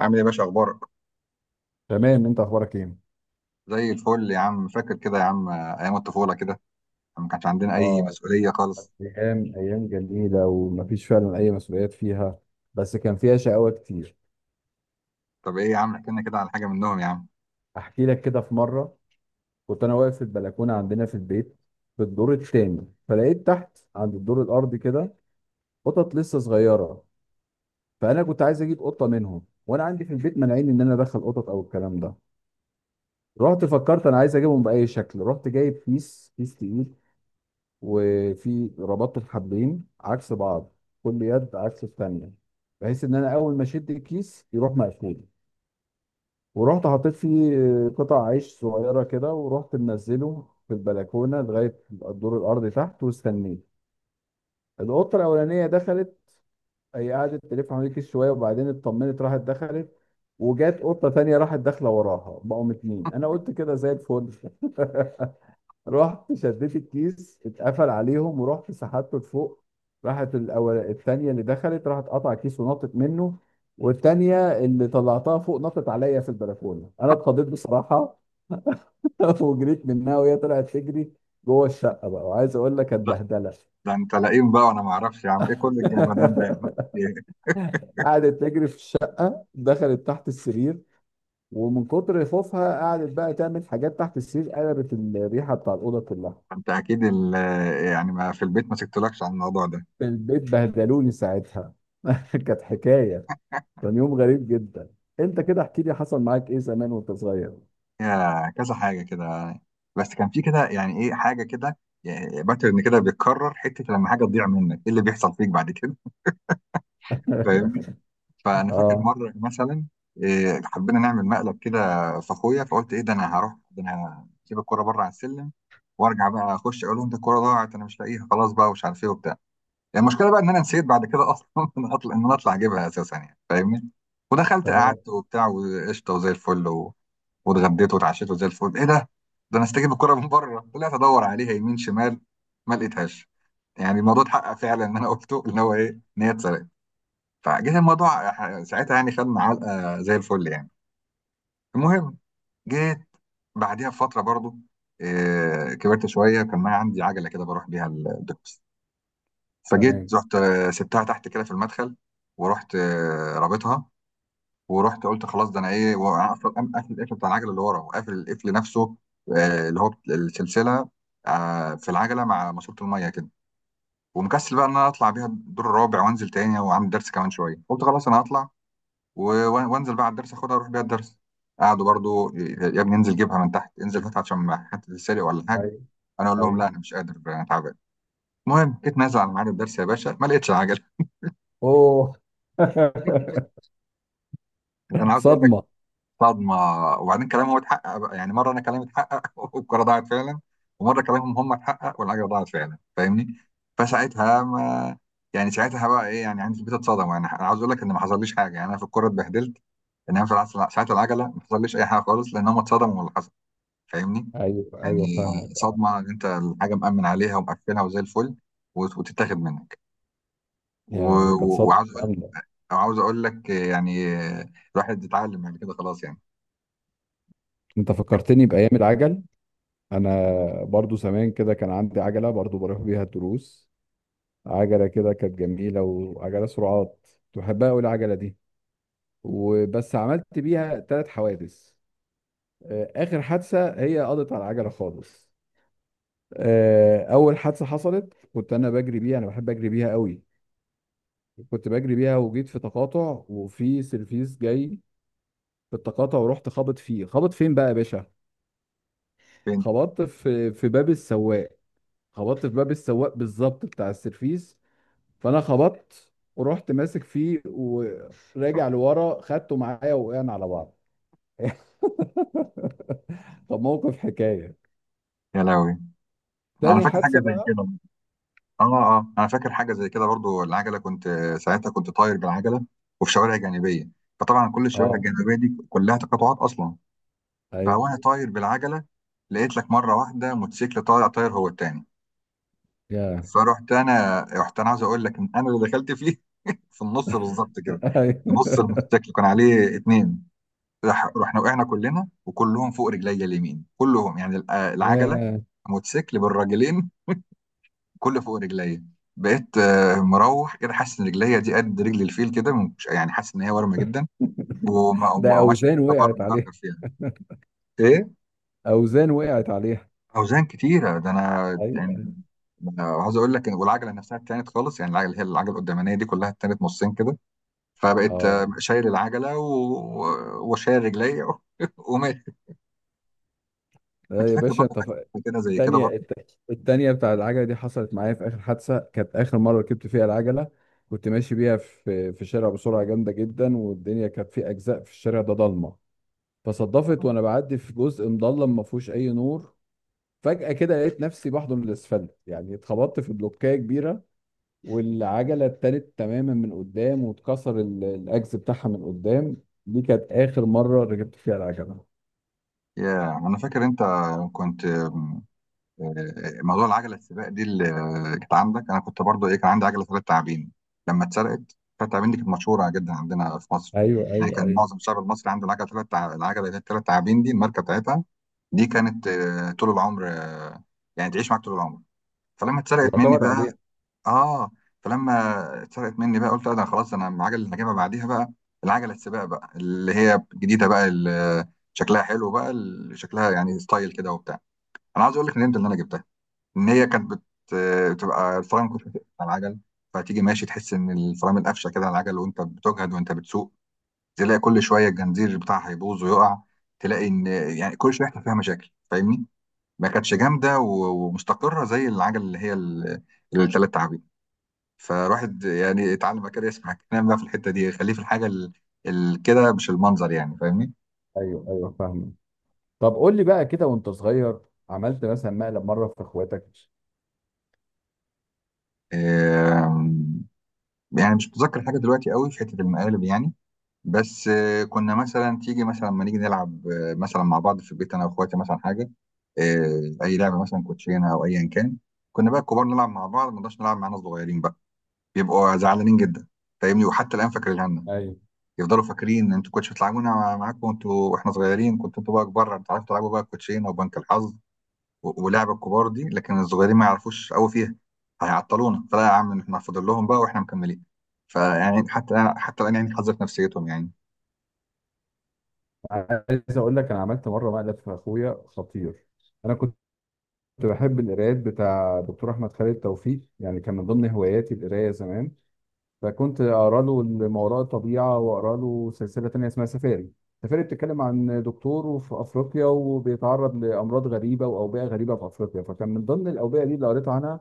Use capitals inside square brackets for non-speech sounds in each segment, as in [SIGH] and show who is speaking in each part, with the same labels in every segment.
Speaker 1: عامل ايه يا باشا اخبارك؟
Speaker 2: تمام. انت اخبارك ايه؟
Speaker 1: زي الفل يا عم. فاكر كده يا عم ايام الطفوله كده لما ما كانش عندنا اي
Speaker 2: اه.
Speaker 1: مسؤوليه خالص؟
Speaker 2: ايام ايام جميله ومفيش فعلا اي مسؤوليات فيها، بس كان فيها شقاوه كتير.
Speaker 1: طب ايه يا عم، احكي لنا كده على حاجه منهم يا عم.
Speaker 2: احكي لك كده في مره. كنت انا واقف في البلكونه عندنا في البيت في الدور الثاني، فلقيت تحت عند الدور الارضي كده قطط لسه صغيره. فانا كنت عايز اجيب قطه منهم، وانا عندي في البيت مانعين ان انا ادخل قطط او الكلام ده. رحت فكرت انا عايز اجيبهم باي شكل، رحت جايب كيس كيس تقيل، وفي ربطت الحبلين عكس بعض، كل يد عكس الثانيه، بحيث ان انا اول ما اشد الكيس يروح مقفول. ورحت حطيت فيه قطع عيش صغيره كده ورحت منزله في البلكونه لغايه الدور الارضي تحت واستنيت. القطه الاولانيه دخلت، هي قعدت تلف حوالين الكيس شويه، وبعدين اطمنت راحت دخلت. وجات قطه تانية راحت داخله وراها، بقوا 2. انا قلت كده زي الفل. [LAUGHS] رحت شديت الكيس اتقفل عليهم، ورحت سحبته لفوق. راحت الأول التانية اللي دخلت راحت قطع الكيس ونطت منه. والتانية اللي طلعتها فوق نطت عليا في البلكونة. أنا اتخضيت بصراحة. [LAUGHS] وجريت منها، وهي طلعت تجري جوه الشقة. بقى وعايز أقول لك كانت
Speaker 1: لا،
Speaker 2: بهدلة. [LAUGHS]
Speaker 1: ده انت لئيم بقى وانا ما اعرفش يا عم ايه كل الجمدان ده يا عم، إيه؟
Speaker 2: قعدت تجري في الشقة، دخلت تحت السرير، ومن كتر خوفها قعدت بقى تعمل حاجات تحت السرير، قلبت الريحة بتاع الأوضة كلها.
Speaker 1: انت اكيد ال- يعني ما في البيت ما سكتلكش عن الموضوع ده؟
Speaker 2: في البيت بهدلوني ساعتها. [LAUGHS] كانت حكايه، كان يوم غريب جدا. انت كده احكي لي حصل معاك ايه زمان وانت صغير.
Speaker 1: يا كذا حاجه كده، بس كان في كده يعني ايه حاجه كده، باترن كده بيتكرر حته لما حاجه تضيع منك ايه اللي بيحصل فيك بعد كده؟ فاهمني؟
Speaker 2: [LAUGHS]
Speaker 1: فانا فاكر
Speaker 2: اه.
Speaker 1: مره مثلا حبينا نعمل مقلب كده في اخويا، فقلت ايه ده، انا هروح، ده انا هسيب الكوره بره على السلم وارجع بقى اخش اقول لهم ده الكوره ضاعت، انا مش لاقيها خلاص بقى ومش عارف ايه وبتاع. يعني المشكله بقى ان انا نسيت بعد كده اصلا [LAUGHS] ان اطلع، ان انا اطلع اجيبها اساسا، يعني فاهمني. ودخلت
Speaker 2: تمام
Speaker 1: قعدت وبتاع وقشطه وزي الفل و... واتغديت واتعشيت وزي الفل. ايه ده؟ ده انا استجيب الكوره من بره. طلعت ادور عليها يمين شمال، ما لقيتهاش. يعني الموضوع اتحقق فعلا ان انا قلته، ان هو ايه، ان هي اتسرقت. فجيت الموضوع ساعتها يعني خدنا علقه زي الفل يعني. المهم، جيت بعديها بفتره برضو، كبرت شويه، كان معايا عندي عجله كده بروح بيها الدروس.
Speaker 2: تمام.
Speaker 1: فجيت رحت، سبتها تحت كده في المدخل، ورحت رابطها، ورحت قلت خلاص ده انا ايه، وانا اصلا قام قافل القفل بتاع العجله اللي ورا وقافل القفل نفسه، اللي هو السلسله، في العجله مع ماسوره الميه كده. ومكسل بقى ان انا اطلع بيها الدور الرابع وانزل تاني وعندي درس كمان شويه، قلت خلاص انا هطلع وانزل بقى على الدرس اخدها اروح بيها الدرس. قعدوا برضو يا ابني انزل جيبها من تحت، انزل هاتها عشان ما حد سرق ولا حاجه.
Speaker 2: ايوه
Speaker 1: انا اقول لهم
Speaker 2: ايوه.
Speaker 1: لا انا مش قادر انا تعبان. المهم جيت نازل على ميعاد الدرس يا باشا، ما لقيتش العجله.
Speaker 2: اوه. [LAUGHS]
Speaker 1: [LAUGHS] انا عاوز اقول لك
Speaker 2: صدمه.
Speaker 1: صدمه. وبعدين كلامهم اتحقق بقى. يعني مره انا كلامي اتحقق [LAUGHS] والكره ضاعت فعلا، ومره كلامهم هم اتحقق والعجله ضاعت فعلا، فاهمني؟ فساعتها ما يعني ساعتها بقى ايه، يعني عندي في البيت اتصدم، يعني انا عاوز اقول لك ان ما حصليش حاجه يعني انا في الكوره اتبهدلت، انما في العصر ساعه العجله ما حصليش اي حاجه خالص لان هم اتصدموا من اللي حصل، فاهمني؟
Speaker 2: ايوه ايوه
Speaker 1: يعني
Speaker 2: فاهمك.
Speaker 1: صدمه ان انت الحاجه مأمن عليها ومقفلها وزي الفل وتتاخد منك، و-
Speaker 2: يا كانت
Speaker 1: و-
Speaker 2: صدمه
Speaker 1: وعاوز اقول
Speaker 2: جامده.
Speaker 1: وعاوز اقول لك يعني الواحد اتعلم بعد كده خلاص يعني.
Speaker 2: انت فكرتني بايام العجل. انا برضو زمان كده كان عندي عجله، برضو بروح بيها الدروس. عجله كده كانت جميله، وعجله سرعات. كنت بحبها قوي العجله دي. وبس عملت بيها 3 حوادث. اخر حادثه هي قضت على العجله خالص. اول حادثه حصلت كنت انا بجري بيها، انا بحب اجري بيها قوي. كنت بجري بيها وجيت في تقاطع، وفي سيرفيس جاي في التقاطع. ورحت خابط فيه، خابط فين بقى يا باشا؟
Speaker 1: فين؟
Speaker 2: خبطت في باب السواق. خبطت في باب السواق بالظبط بتاع السيرفيس. فانا خبطت ورحت ماسك فيه، وراجع لورا، خدته معايا وقعنا على بعض. [LAUGHS] طب موقف حكايه.
Speaker 1: يا لهوي، انا
Speaker 2: تاني
Speaker 1: فاكر
Speaker 2: حادثه
Speaker 1: حاجه زي
Speaker 2: بقى.
Speaker 1: كده. اه، اه، انا فاكر حاجه زي كده برضو، العجله كنت ساعتها كنت طاير بالعجله وفي شوارع جانبيه، فطبعا كل الشوارع
Speaker 2: اه.
Speaker 1: الجانبيه دي كلها تقاطعات اصلا.
Speaker 2: ايوه.
Speaker 1: فوانا طاير بالعجله، لقيت لك مره واحده موتوسيكل طالع طاير هو التاني.
Speaker 2: يا.
Speaker 1: فرحت انا رحت انا عاوز اقول لك ان انا اللي دخلت فيه [LAUGHS] في النص بالظبط كده. نص
Speaker 2: [LAUGHS]
Speaker 1: الموتوسيكل كان عليه اتنين. رحنا وقعنا كلنا، وكلهم فوق رجليا اليمين كلهم، يعني العجله
Speaker 2: يا
Speaker 1: الموتوسيكل بالراجلين كله فوق رجليا. بقيت مروح كده حاسس ان رجليا دي قد رجل الفيل كده، يعني حاسس ان هي ورمه جدا،
Speaker 2: ده
Speaker 1: وماشي
Speaker 2: اوزان
Speaker 1: كده
Speaker 2: وقعت عليها.
Speaker 1: بجرجر فيها. ايه؟
Speaker 2: اوزان وقعت عليها.
Speaker 1: اوزان كتيره ده انا يعني.
Speaker 2: ايوه.
Speaker 1: أنا عاوز اقول لك والعجله نفسها اتانت خالص، يعني العجله اللي هي العجله القدامانيه دي كلها اتانت نصين كده. فبقيت
Speaker 2: اه.
Speaker 1: شايل العجله و... وشايل رجليا [LAUGHS] وماشي. انت
Speaker 2: لا يا
Speaker 1: فاكر
Speaker 2: باشا
Speaker 1: برضه حاجه كده زي كده برضه؟
Speaker 2: التانية بتاع العجلة دي حصلت معايا في آخر حادثة، كانت آخر مرة ركبت فيها العجلة. كنت ماشي بيها في شارع بسرعة جامدة جدا، والدنيا كانت في أجزاء، في الشارع ده ضلمة. فصدفت وأنا بعدي في جزء مضلم ما فيهوش أي نور، فجأة كده لقيت نفسي بحضن الأسفلت. يعني اتخبطت في بلوكاية كبيرة، والعجله اتالت تماما من قدام، واتكسر الاجز بتاعها من قدام. دي كانت اخر مره ركبت فيها العجله.
Speaker 1: يا انا فاكر انت كنت آم، آه، موضوع العجله السباق دي اللي كانت عندك. انا كنت برضه ايه، كان عندي عجله ثلاث تعابين لما اتسرقت. ثلاث تعابين دي كانت مشهوره جدا عندنا في مصر.
Speaker 2: ايوه
Speaker 1: يعني
Speaker 2: ايوه
Speaker 1: كان
Speaker 2: ايوه،
Speaker 1: معظم الشعب المصري عنده العجله ثلاث تع... العجله اللي هي الثلاث تعابين دي الماركه بتاعتها. دي كانت طول العمر، يعني تعيش معاك طول العمر. فلما اتسرقت مني
Speaker 2: يعتمد عليها.
Speaker 1: بقى، اه، فلما اتسرقت مني بقى قلت لا، ده خلاص انا العجله اللي هجيبها بعديها بقى العجله السباق بقى اللي هي الجديده بقى، اللي شكلها حلو بقى، اللي شكلها يعني ستايل كده وبتاع. انا عايز اقول لك ندمت ان انا جبتها. ان هي كانت بت... بتبقى الفرامل كنت على العجل، فتيجي ماشي تحس ان الفرامل قفشه كده على العجل وانت بتجهد وانت بتسوق. تلاقي كل شويه الجنزير بتاعها هيبوظ ويقع، تلاقي ان يعني كل شويه يحصل فيها مشاكل، فاهمني؟ ما كانتش جامده ومستقره زي العجل اللي هي الثلاث تعابين. فالواحد يعني اتعلم كده يسمع الكلام بقى في الحته دي، خليه في الحاجه ال... ال... كده مش المنظر، يعني فاهمني؟
Speaker 2: ايوه ايوه فاهمه. طب قول لي بقى كده، وانت صغير عملت مثلا مقلب مره في اخواتك؟
Speaker 1: آم، يعني مش متذكر حاجه دلوقتي قوي في حته المقالب يعني، بس كنا مثلا تيجي مثلا لما نيجي نلعب، مثلا مع بعض في البيت انا واخواتي مثلا حاجه، اي لعبه مثلا كوتشينه او ايا كان. كنا بقى الكبار نلعب مع بعض، ما نقدرش نلعب مع ناس صغيرين بقى، بيبقوا زعلانين جدا، فاهمني؟ وحتى الان فاكرينها لنا.
Speaker 2: ايوه،
Speaker 1: يفضلوا فاكرين انتوا كنتش بتلعبونا معاكم انتوا واحنا صغيرين، كنتوا انتوا بقى كبار بتعرفوا تلعبوا بقى الكوتشينه وبنك الحظ ولعب الكبار دي، لكن الصغيرين ما يعرفوش قوي فيها، هيعطلونا، فلا يا عم احنا فاضل لهم بقى واحنا مكملين. فيعني حتى الان حتى الان يعني حظ في نفسيتهم يعني.
Speaker 2: عايز اقول لك انا عملت مره مقلب في اخويا خطير. انا كنت بحب القرايات بتاع دكتور احمد خالد توفيق، يعني كان من ضمن هواياتي القرايه زمان. فكنت اقرا له ما وراء الطبيعه، واقرا له سلسله تانية اسمها سفاري. سفاري بتتكلم عن دكتور في افريقيا، وبيتعرض لامراض غريبه واوبئه غريبه في افريقيا. فكان من ضمن الاوبئه دي اللي قريت عنها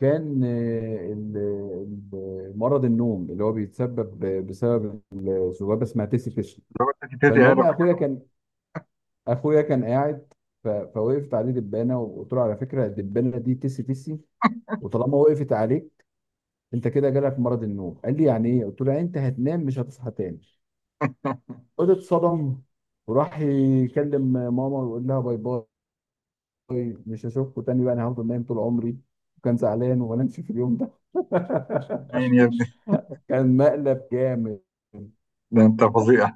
Speaker 2: كان مرض النوم اللي هو بيتسبب بسبب ذبابه اسمها تيسي فيش.
Speaker 1: لو انت تيتي
Speaker 2: فالمهم
Speaker 1: قالوا.
Speaker 2: اخويا كان قاعد، فوقفت عليه دبانه، وقلت له على فكره الدبانه دي تيسي تيسي، وطالما وقفت عليك انت كده جالك مرض النوم. قال لي يعني ايه؟ قلت له يعني انت هتنام مش هتصحى تاني.
Speaker 1: [LAUGHS]
Speaker 2: قلت اتصدم، وراح يكلم ماما ويقول لها باي باي، مش هشوفكوا تاني بقى، انا هفضل نايم طول عمري. وكان زعلان وما نامش في اليوم ده.
Speaker 1: مين يا ابني؟
Speaker 2: [LAUGHS] كان مقلب جامد.
Speaker 1: ده انت فظيع،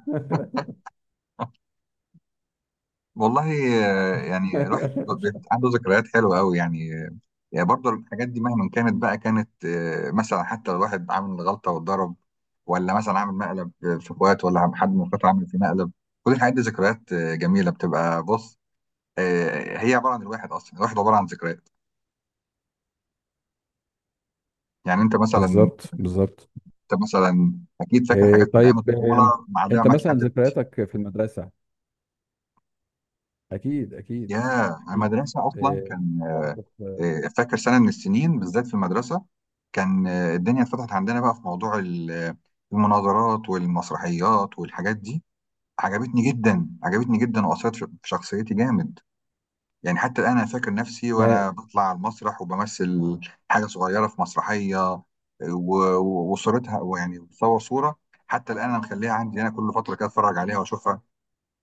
Speaker 1: والله. يعني الواحد
Speaker 2: [LAUGHS]
Speaker 1: عنده ذكريات حلوه قوي يعني. يعني برضه الحاجات دي مهما كانت بقى، كانت مثلا حتى لو واحد عامل غلطة واتضرب، ولا مثلا عامل مقلب في اخوات، ولا حد من اخواته عامل في مقلب، كل الحاجات دي ذكريات جميلة، بتبقى بص، هي عبارة عن الواحد أصلا، الواحد عبارة عن ذكريات. يعني أنت مثلا،
Speaker 2: بالظبط بالظبط.
Speaker 1: أنت مثلا أكيد فاكر
Speaker 2: إيه
Speaker 1: حاجات من
Speaker 2: طيب
Speaker 1: أيام الطفولة
Speaker 2: إيه؟
Speaker 1: معلمة
Speaker 2: انت
Speaker 1: معاك
Speaker 2: مثلا
Speaker 1: لحد.
Speaker 2: ذكرياتك في المدرسة، اكيد اكيد
Speaker 1: يا
Speaker 2: اكيد.
Speaker 1: المدرسة أصلا
Speaker 2: إيه،
Speaker 1: كان،
Speaker 2: مواقف،
Speaker 1: فاكر سنة من السنين بالذات في المدرسة كان، الدنيا اتفتحت عندنا بقى في موضوع المناظرات والمسرحيات والحاجات دي. عجبتني جدا واثرت في في شخصيتي جامد. يعني حتى الان انا فاكر نفسي
Speaker 2: يعني.
Speaker 1: وانا بطلع على المسرح وبمثل حاجه صغيره في مسرحيه وصورتها، ويعني بتصور صوره، حتى الان انا مخليها عندي، انا كل فتره كده اتفرج عليها واشوفها.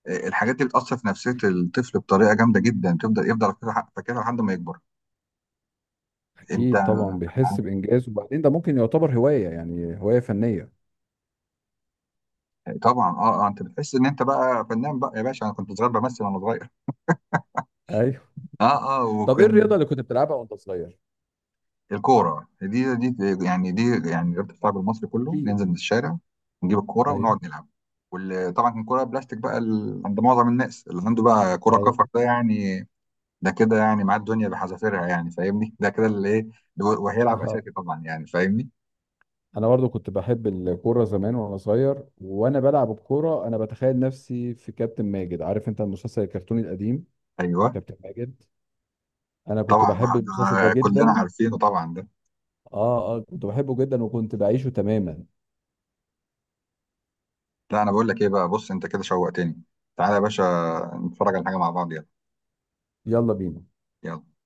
Speaker 1: الحاجات دي بتاثر في نفسيه الطفل بطريقه جامده جدا، بتفضل يفضل فاكرها فاكرها لحد ما يكبر. انت
Speaker 2: اكيد طبعا بيحس بانجاز، وبعدين ده ممكن يعتبر هوايه، يعني هوايه فنيه.
Speaker 1: [LAUGHS] طبعا، اه، اه، انت بتحس ان انت بقى فنان بقى يا باشا، انا كنت صغير بمثل وانا صغير.
Speaker 2: ايوه.
Speaker 1: [LAUGHS] اه، اه،
Speaker 2: طب ايه الرياضه
Speaker 1: وكان
Speaker 2: اللي كنت بتلعبها وانت صغير؟
Speaker 1: الكورة دي دي، يعني دي يعني رياضة الشعب المصري كله،
Speaker 2: اكيد.
Speaker 1: ننزل من الشارع نجيب الكورة
Speaker 2: ايوه
Speaker 1: ونقعد نلعب. وطبعا كان كورة بلاستيك بقى، عند معظم الناس اللي عنده بقى كورة
Speaker 2: ايوه.
Speaker 1: كفر ده يعني، ده كده يعني معاه الدنيا بحذافيرها، يعني فاهمني، ده كده اللي ايه وهيلعب
Speaker 2: اه،
Speaker 1: أساسي طبعا، يعني فاهمني.
Speaker 2: انا برضو كنت بحب الكوره زمان وانا صغير، وانا بلعب الكوره انا بتخيل نفسي في كابتن ماجد. عارف انت المسلسل الكرتوني القديم؟
Speaker 1: ايوه،
Speaker 2: كابتن ماجد، انا كنت
Speaker 1: طبعا ما
Speaker 2: بحب المسلسل ده
Speaker 1: احنا كلنا
Speaker 2: جدا.
Speaker 1: عارفينه طبعا ده.
Speaker 2: اه اه، كنت بحبه جدا وكنت بعيشه تماما.
Speaker 1: لا انا بقول لك ايه بقى، بص انت كده شوقتني، تعالى يا باشا نتفرج على حاجة مع بعض، يلا.
Speaker 2: يلا بينا.
Speaker 1: يلا.